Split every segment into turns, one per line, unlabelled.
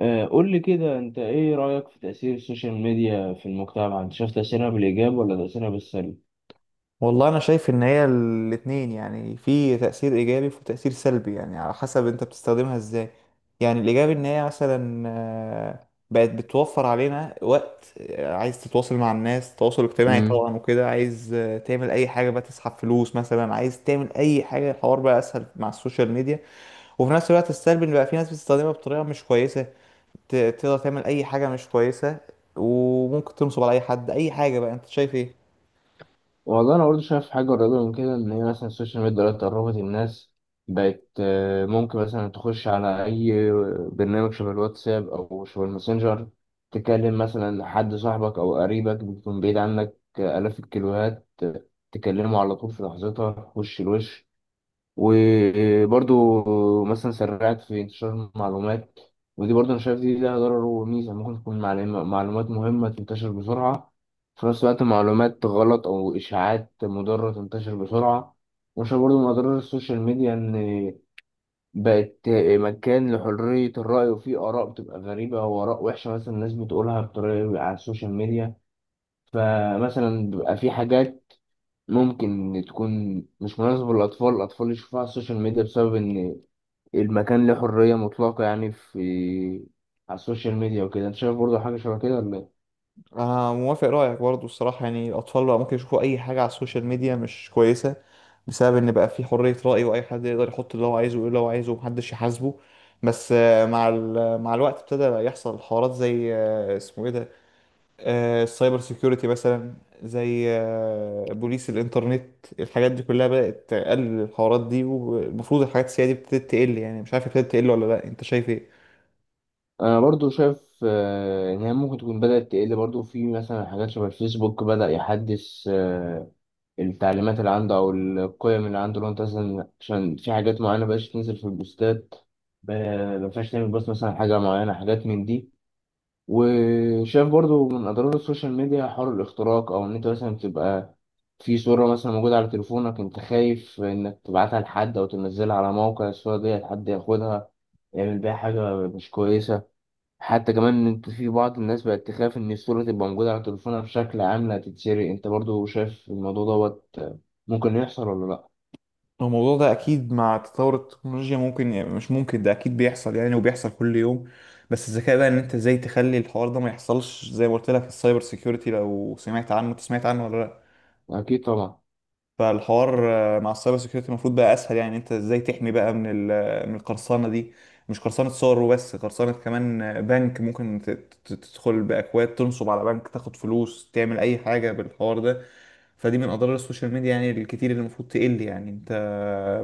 قول لي كده انت ايه رأيك في تأثير السوشيال ميديا في المجتمع، انت شايف تأثيرها بالإيجاب ولا تأثيرها بالسلب؟
والله انا شايف ان هي الاتنين يعني في تأثير ايجابي وفي تأثير سلبي يعني على حسب انت بتستخدمها ازاي. يعني الايجابي ان هي مثلا بقت بتوفر علينا وقت. عايز تتواصل مع الناس تواصل اجتماعي
امم
طبعا وكده، عايز تعمل اي حاجة بقى، تسحب فلوس مثلا، عايز تعمل اي حاجة، الحوار بقى اسهل مع السوشيال ميديا. وفي نفس الوقت السلبي ان بقى في ناس بتستخدمها بطريقة مش كويسة، تقدر تعمل اي حاجة مش كويسة، وممكن تنصب على اي حد اي حاجة. بقى انت شايف ايه؟
والله انا برضه شايف حاجة قريبة من كده، ان هي مثلا السوشيال ميديا دلوقتي قربت الناس. بقت ممكن مثلا تخش على اي برنامج شبه الواتساب او شبه الماسنجر، تكلم مثلا حد صاحبك او قريبك بيكون بعيد عنك آلاف الكيلوهات، تكلمه على طول في لحظتها وش لوش. وبرضو مثلا سرعت في انتشار المعلومات، ودي برضو انا شايف دي لها ضرر وميزة. ممكن تكون معلومات مهمة تنتشر بسرعة، في نفس الوقت معلومات غلط أو إشاعات مضرة تنتشر بسرعة. وأنا شايف برضو من أضرار السوشيال ميديا إن بقت مكان لحرية الرأي، وفيه آراء بتبقى غريبة وآراء وحشة مثلا الناس بتقولها بطريقة على السوشيال ميديا. فمثلا بيبقى في حاجات ممكن تكون مش مناسبة للأطفال، الأطفال يشوفوها على السوشيال ميديا بسبب إن المكان له حرية مطلقة يعني في على السوشيال ميديا وكده. انت شايف برضو حاجة شبه كده ولا ايه؟
أنا موافق رأيك برضو الصراحة، يعني الأطفال بقى ممكن يشوفوا أي حاجة على السوشيال ميديا مش كويسة، بسبب إن بقى في حرية رأي وأي حد يقدر يحط اللي هو عايزه ويقول اللي هو عايزه ومحدش يحاسبه. بس مع الوقت ابتدى بقى يحصل حوارات زي، اسمه إيه ده، السايبر سيكيورتي مثلا، زي بوليس الإنترنت. الحاجات دي كلها بدأت تقلل الحوارات دي، والمفروض الحاجات السيئة دي ابتدت تقل. يعني مش عارف ابتدت تقل ولا لأ، أنت شايف إيه؟
انا برضو شايف ان هي ممكن تكون بدأت تقل برضو، في مثلا حاجات شبه الفيسبوك بدأ يحدث التعليمات اللي عنده او القيم اللي عنده. لو انت مثلا عشان في حاجات معينة مبقاش تنزل في البوستات، ب- مبقاش تعمل بوست مثلا عن حاجة معينة، حاجات من دي. وشايف برضو من اضرار السوشيال ميديا حوار الاختراق، او ان انت مثلا تبقى في صورة مثلا موجودة على تليفونك، انت خايف انك تبعتها لحد او تنزلها على موقع، الصورة دي حد ياخدها يعمل بيها حاجة مش كويسة. حتى كمان ان انت في بعض الناس بقت تخاف ان الصورة تبقى موجودة على تليفونها بشكل عام لا تتسرق. انت برضو شايف الموضوع دوت ممكن يحصل ولا لا؟
الموضوع ده اكيد مع تطور التكنولوجيا ممكن، يعني مش ممكن، ده اكيد بيحصل يعني، وبيحصل كل يوم. بس الذكاء بقى ان انت ازاي تخلي الحوار ده ما يحصلش. زي ما قلت لك، السايبر سيكيورتي، لو سمعت عنه، انت سمعت عنه ولا لا؟
اكيد طبعا.
فالحوار مع السايبر سيكيورتي المفروض بقى اسهل، يعني انت ازاي تحمي بقى من من القرصنه دي. مش قرصنه صور وبس، قرصنه كمان بنك، ممكن تدخل باكواد تنصب على بنك، تاخد فلوس، تعمل اي حاجه بالحوار ده. فدي من اضرار السوشيال ميديا يعني الكتير اللي المفروض تقل. يعني انت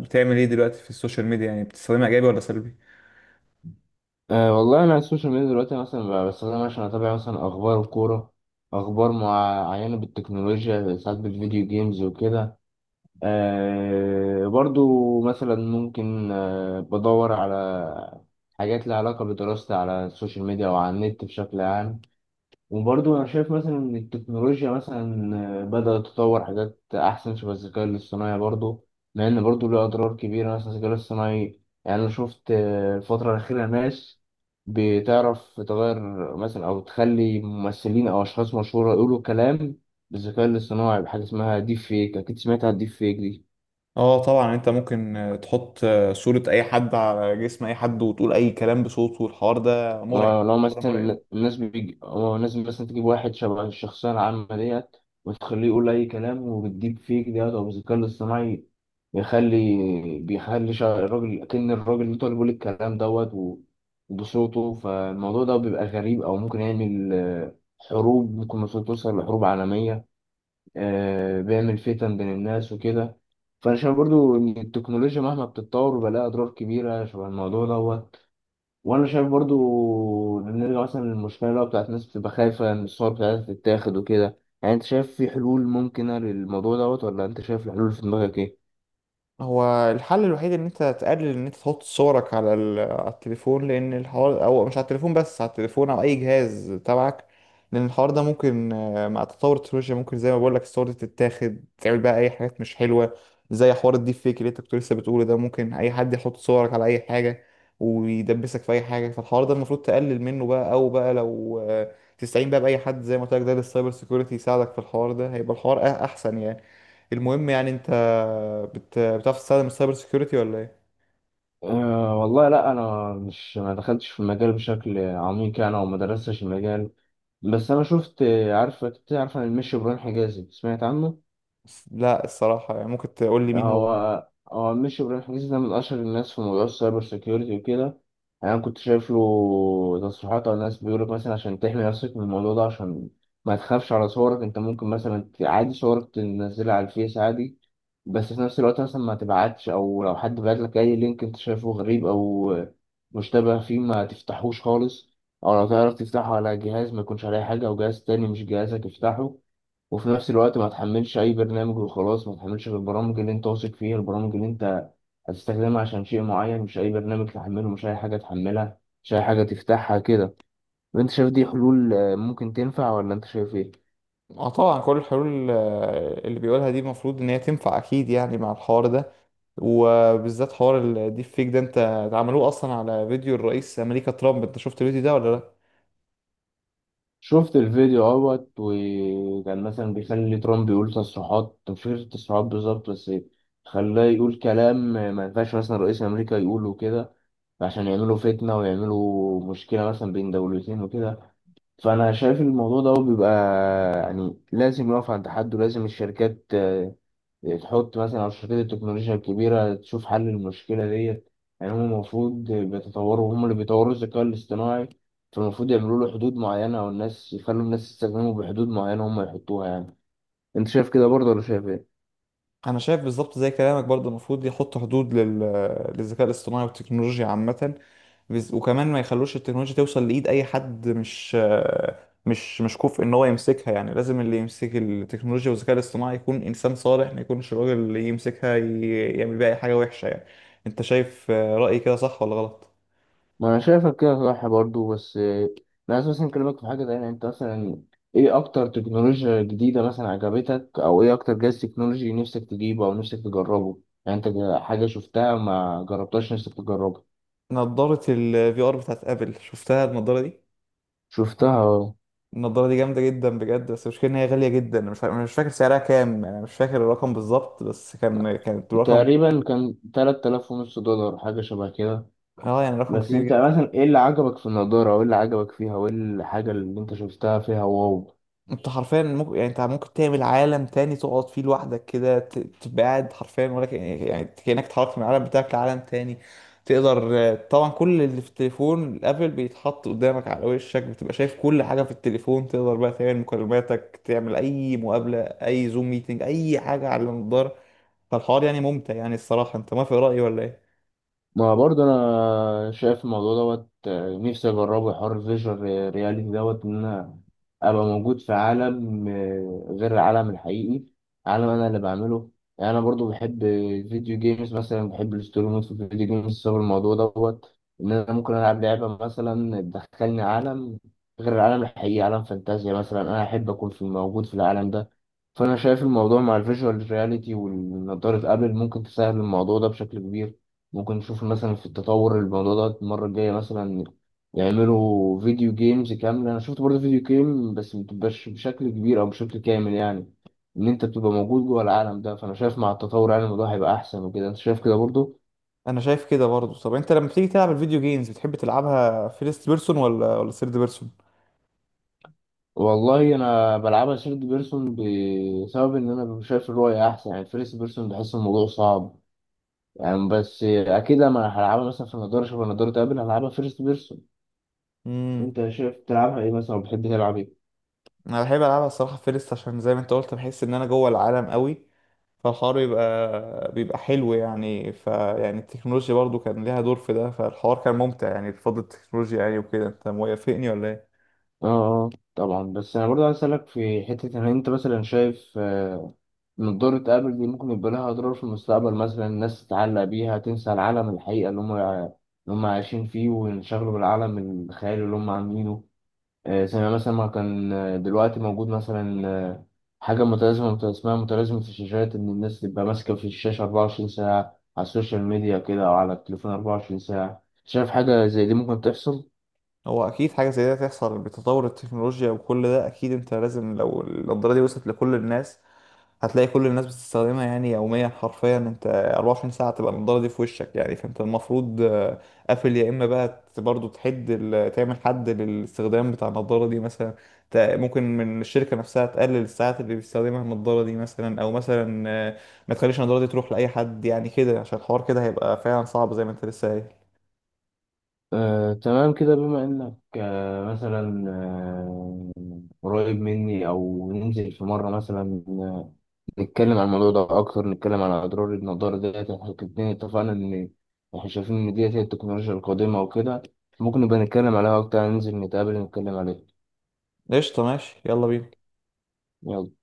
بتعمل ايه دلوقتي في السوشيال ميديا؟ يعني بتستخدمها ايجابي ولا سلبي؟
أه والله انا على السوشيال ميديا دلوقتي مثلا بستخدمها عشان اتابع مثلا اخبار الكوره، اخبار معينه بالتكنولوجيا، ساعات بالفيديو جيمز وكده. أه برضو مثلا ممكن أه بدور على حاجات لها علاقه بدراستي على السوشيال ميديا او على النت بشكل عام. وبرضه أنا شايف مثلا إن التكنولوجيا مثلا بدأت تطور حاجات أحسن شبه الذكاء الاصطناعي برضه، مع إن برضه له أضرار كبيرة. مثلا الذكاء الاصطناعي يعني أنا شفت الفترة الأخيرة ناس بتعرف تغير مثلا أو تخلي ممثلين أو أشخاص مشهورة يقولوا كلام بالذكاء الاصطناعي، بحاجة اسمها ديب فيك. أكيد سمعت عن الديب فيك دي.
اه طبعا، انت ممكن تحط صورة اي حد على جسم اي حد وتقول اي كلام بصوته، والحوار ده مرعب.
لو
الحوار ده مرعب.
مثلا الناس بيجي أو الناس مثلا تجيب واحد شبه الشخصية العامة ديت وتخليه يقول أي كلام وبالديب فيك ده أو بالذكاء الاصطناعي، بيخلي بيخلي الراجل كأن الراجل اللي طالب بيقول الكلام دوت وبصوته. فالموضوع ده بيبقى غريب، أو ممكن يعمل حروب، ممكن مثلا توصل لحروب عالمية، بيعمل فتن بين الناس وكده. فأنا شايف برضو إن التكنولوجيا مهما بتتطور بيبقى لها أضرار كبيرة شبه الموضوع دوت. وأنا شايف برضو نرجع مثلا للمشكلة اللي هو بتاعت الناس بتبقى خايفة إن الصور بتاعتها تتاخد وكده. يعني أنت شايف في حلول ممكنة للموضوع دوت ولا أنت شايف الحلول في دماغك إيه؟
هو الحل الوحيد ان انت تقلل ان انت تحط صورك على على التليفون، لان الحوار، او مش على التليفون بس، على التليفون او اي جهاز تبعك، لان الحوار ده ممكن مع تطور التكنولوجيا ممكن، زي ما بقول لك، الصور دي تتاخد تعمل بقى اي حاجات مش حلوه، زي حوار الديب فيك اللي انت كنت لسه بتقوله ده. ممكن اي حد يحط صورك على اي حاجه ويدبسك في اي حاجه. فالحوار ده المفروض تقلل منه بقى، او بقى لو تستعين بقى باي حد، زي ما قلت لك ده، للسايبر سيكيورتي يساعدك في الحوار ده، هيبقى الحوار احسن يعني. المهم يعني انت بتعرف تستخدم السايبر سيكيورتي ولا ايه؟
أه والله لا، انا مش ما دخلتش في المجال بشكل عميق يعني، او ما درستش المجال، بس انا شفت عارفه كنت عارفه عن المشي ابراهيم حجازي، سمعت عنه؟
لا الصراحة، يعني ممكن تقول لي مين هو؟
هو هو مش إبراهيم حسين ده من أشهر الناس في موضوع السايبر سيكيورتي وكده. يعني أنا كنت شايف له تصريحات على الناس بيقولك مثلا عشان تحمي نفسك من الموضوع ده، عشان ما تخافش على صورك. أنت ممكن مثلا عادي صورك تنزلها على الفيس عادي، بس في نفس الوقت مثلا ما تبعتش، أو لو حد بعت لك أي لينك أنت شايفه غريب أو مشتبه فيه ما تفتحوش خالص، أو لو تعرف تفتحه على جهاز ما يكونش عليه حاجة أو جهاز تاني مش جهازك افتحه. وفي نفس الوقت ما تحملش اي برنامج وخلاص، ما تحملش غير البرامج اللي انت واثق فيها، البرامج اللي انت هتستخدمها عشان شيء معين، مش اي برنامج تحمله، مش اي حاجة تحملها، مش اي حاجة تفتحها كده. وانت شايف دي حلول ممكن تنفع ولا انت شايف ايه؟
اه طبعا، كل الحلول اللي بيقولها دي المفروض ان هي تنفع اكيد يعني، مع الحوار ده وبالذات حوار الديب فيك ده. انت، ده عملوه اصلا على فيديو الرئيس امريكا ترامب، انت شفت الفيديو ده ولا لا؟
شفت الفيديو اهوت، وكان مثلا بيخلي ترامب يقول تصريحات مش فاكر التصريحات بالظبط، بس خلاه يقول كلام ما ينفعش مثلا رئيس امريكا يقوله كده، عشان يعملوا فتنة ويعملوا مشكلة مثلا بين دولتين وكده. فأنا شايف إن الموضوع ده بيبقى يعني لازم يقف عند حد، ولازم الشركات تحط مثلا، أو شركات التكنولوجيا الكبيرة تشوف حل المشكلة ديت. يعني هم المفروض بيتطوروا، هم اللي بيطوروا الذكاء الاصطناعي، فالمفروض يعملوا له حدود معينة، والناس يخلوا الناس تستخدمه بحدود معينة هم يحطوها يعني. أنت شايف كده برضه ولا شايف إيه؟
انا شايف بالظبط زي كلامك برضه، المفروض يحط حدود لل... للذكاء الاصطناعي والتكنولوجيا عامه. وكمان ما يخلوش التكنولوجيا توصل لايد اي حد مش كفء ان هو يمسكها. يعني لازم اللي يمسك التكنولوجيا والذكاء الاصطناعي يكون انسان صالح، ما يكونش الراجل اللي يمسكها ي... يعمل بيها اي حاجه وحشه يعني. انت شايف رايي كده صح ولا غلط؟
ما انا شايفك كده صح برضو، بس انا اساسا كلمك في حاجه تانية. انت مثلا ايه اكتر تكنولوجيا جديده مثلا عجبتك، او ايه اكتر جهاز تكنولوجي نفسك تجيبه او نفسك تجربه؟ يعني انت حاجه شفتها ما جربتهاش نفسك تجربها.
نضاره الفي ار بتاعت ابل، شفتها النضاره دي؟
شفتها.
النضارة دي جامدة جدا بجد، بس المشكلة إن هي غالية جدا. أنا مش فا- أنا مش فاكر سعرها كام يعني، أنا مش فاكر الرقم بالظبط، بس كانت رقم.
تقريبا كان 3000 ونص دولار حاجه شبه كده.
اه يعني رقم
بس
كبير
انت
جدا.
مثلا ايه اللي عجبك في النضاره وايه اللي عجبك فيها وايه الحاجه اللي انت شفتها فيها واو؟
أنت حرفيا ممكن، يعني أنت ممكن تعمل عالم تاني تقعد فيه لوحدك كده، تبقى قاعد حرفيا، ولا يعني كأنك اتحركت من العالم بتاعك لعالم تاني. تقدر طبعا كل اللي في التليفون الابل بيتحط قدامك على وشك، بتبقى شايف كل حاجة في التليفون، تقدر بقى تعمل مكالماتك، تعمل أي مقابلة، أي زوم ميتنج، أي حاجة على النضارة. فالحوار يعني ممتع يعني الصراحة. انت موافق رأيي ولا ايه؟
ما برضه انا شايف الموضوع دوت نفسي اجربه حوار الفيجوال رياليتي دوت، ان انا ابقى موجود في عالم غير العالم الحقيقي، عالم انا اللي بعمله. يعني انا برضه بحب الفيديو جيمز، مثلا بحب الستوري مود في الفيديو جيمز بسبب الموضوع دوت، ان انا ممكن العب لعبه مثلا تدخلني عالم غير العالم الحقيقي، عالم فانتازيا مثلا انا احب اكون في موجود في العالم ده. فانا شايف الموضوع مع الفيجوال رياليتي والنضاره ابل ممكن تسهل الموضوع ده بشكل كبير. ممكن نشوف مثلا في التطور الموضوع ده المرة الجاية مثلا يعملوا فيديو جيمز كاملة. أنا شفت برضه فيديو جيم بس متبقاش بشكل كبير أو بشكل كامل، يعني إن أنت بتبقى موجود جوه العالم ده. فأنا شايف مع التطور يعني الموضوع هيبقى أحسن وكده. أنت شايف كده برضه؟
انا شايف كده برضو. طب انت لما بتيجي تلعب الفيديو جيمز، بتحب تلعبها فيرست بيرسون ولا ثيرد بيرسون؟
والله أنا بلعبها سيرد بيرسون، بسبب إن أنا شايف الرؤية أحسن. يعني فيرست بيرسون بحس الموضوع صعب يعني، بس أكيد أنا هلعبها مثلا في النضارة شبه النضارة تقابل هلعبها فيرست بيرسون.
امم
أنت شايف تلعبها إيه مثلا وبتحب تلعب إيه؟
انا بحب العبها الصراحة فيرست، عشان زي ما انت قلت بحس ان انا جوه العالم قوي. فالحوار بيبقى حلو يعني. فيعني التكنولوجيا برضو كان ليها دور في ده، فالحوار كان ممتع يعني بفضل التكنولوجيا يعني. وكده انت موافقني ولا ايه؟
اه طبعا. بس انا برضه عايز اسالك في حته ان انت مثلا شايف من ضرة ابل دي ممكن يبقى لها اضرار في المستقبل، مثلا الناس تتعلق بيها تنسى العالم الحقيقه اللي هم اللي هم عايشين فيه وينشغلوا بالعالم الخيالي اللي هم عاملينه. زي ما مثلا ما كان دلوقتي موجود مثلا حاجه متلازمه اسمها متلازمه في الشاشات، ان الناس تبقى ماسكه في الشاشه 24 ساعه على السوشيال ميديا كده او على التليفون 24 ساعه. شايف حاجه زي دي ممكن تحصل؟
هو اكيد حاجه زي ده تحصل بتطور التكنولوجيا وكل ده اكيد. انت لازم، لو النضاره دي وصلت لكل الناس هتلاقي كل الناس بتستخدمها يعني يوميا حرفيا، انت 24 ساعة تبقى النضارة دي في وشك يعني. فانت المفروض قافل، يا اما بقى برضو تحد تعمل حد للاستخدام بتاع النضارة دي مثلا. ممكن من الشركة نفسها تقلل الساعات اللي بيستخدمها النضارة دي مثلا، او مثلا ما تخليش النضارة دي تروح لأي حد يعني كده، عشان الحوار كده هيبقى فعلا صعب زي ما انت لسه قايل.
تمام كده. بما إنك مثلا قريب مني، أو ننزل في مرة مثلا نتكلم عن الموضوع ده أكتر، نتكلم عن أضرار النضارة ديت. إحنا الاتنين اتفقنا إن إحنا شايفين إن ديت هي التكنولوجيا القادمة وكده. ممكن نبقى نتكلم عليها أكتر، ننزل نتقابل نتكلم عليها.
قشطة، ماشي، يلا بينا.
يلا.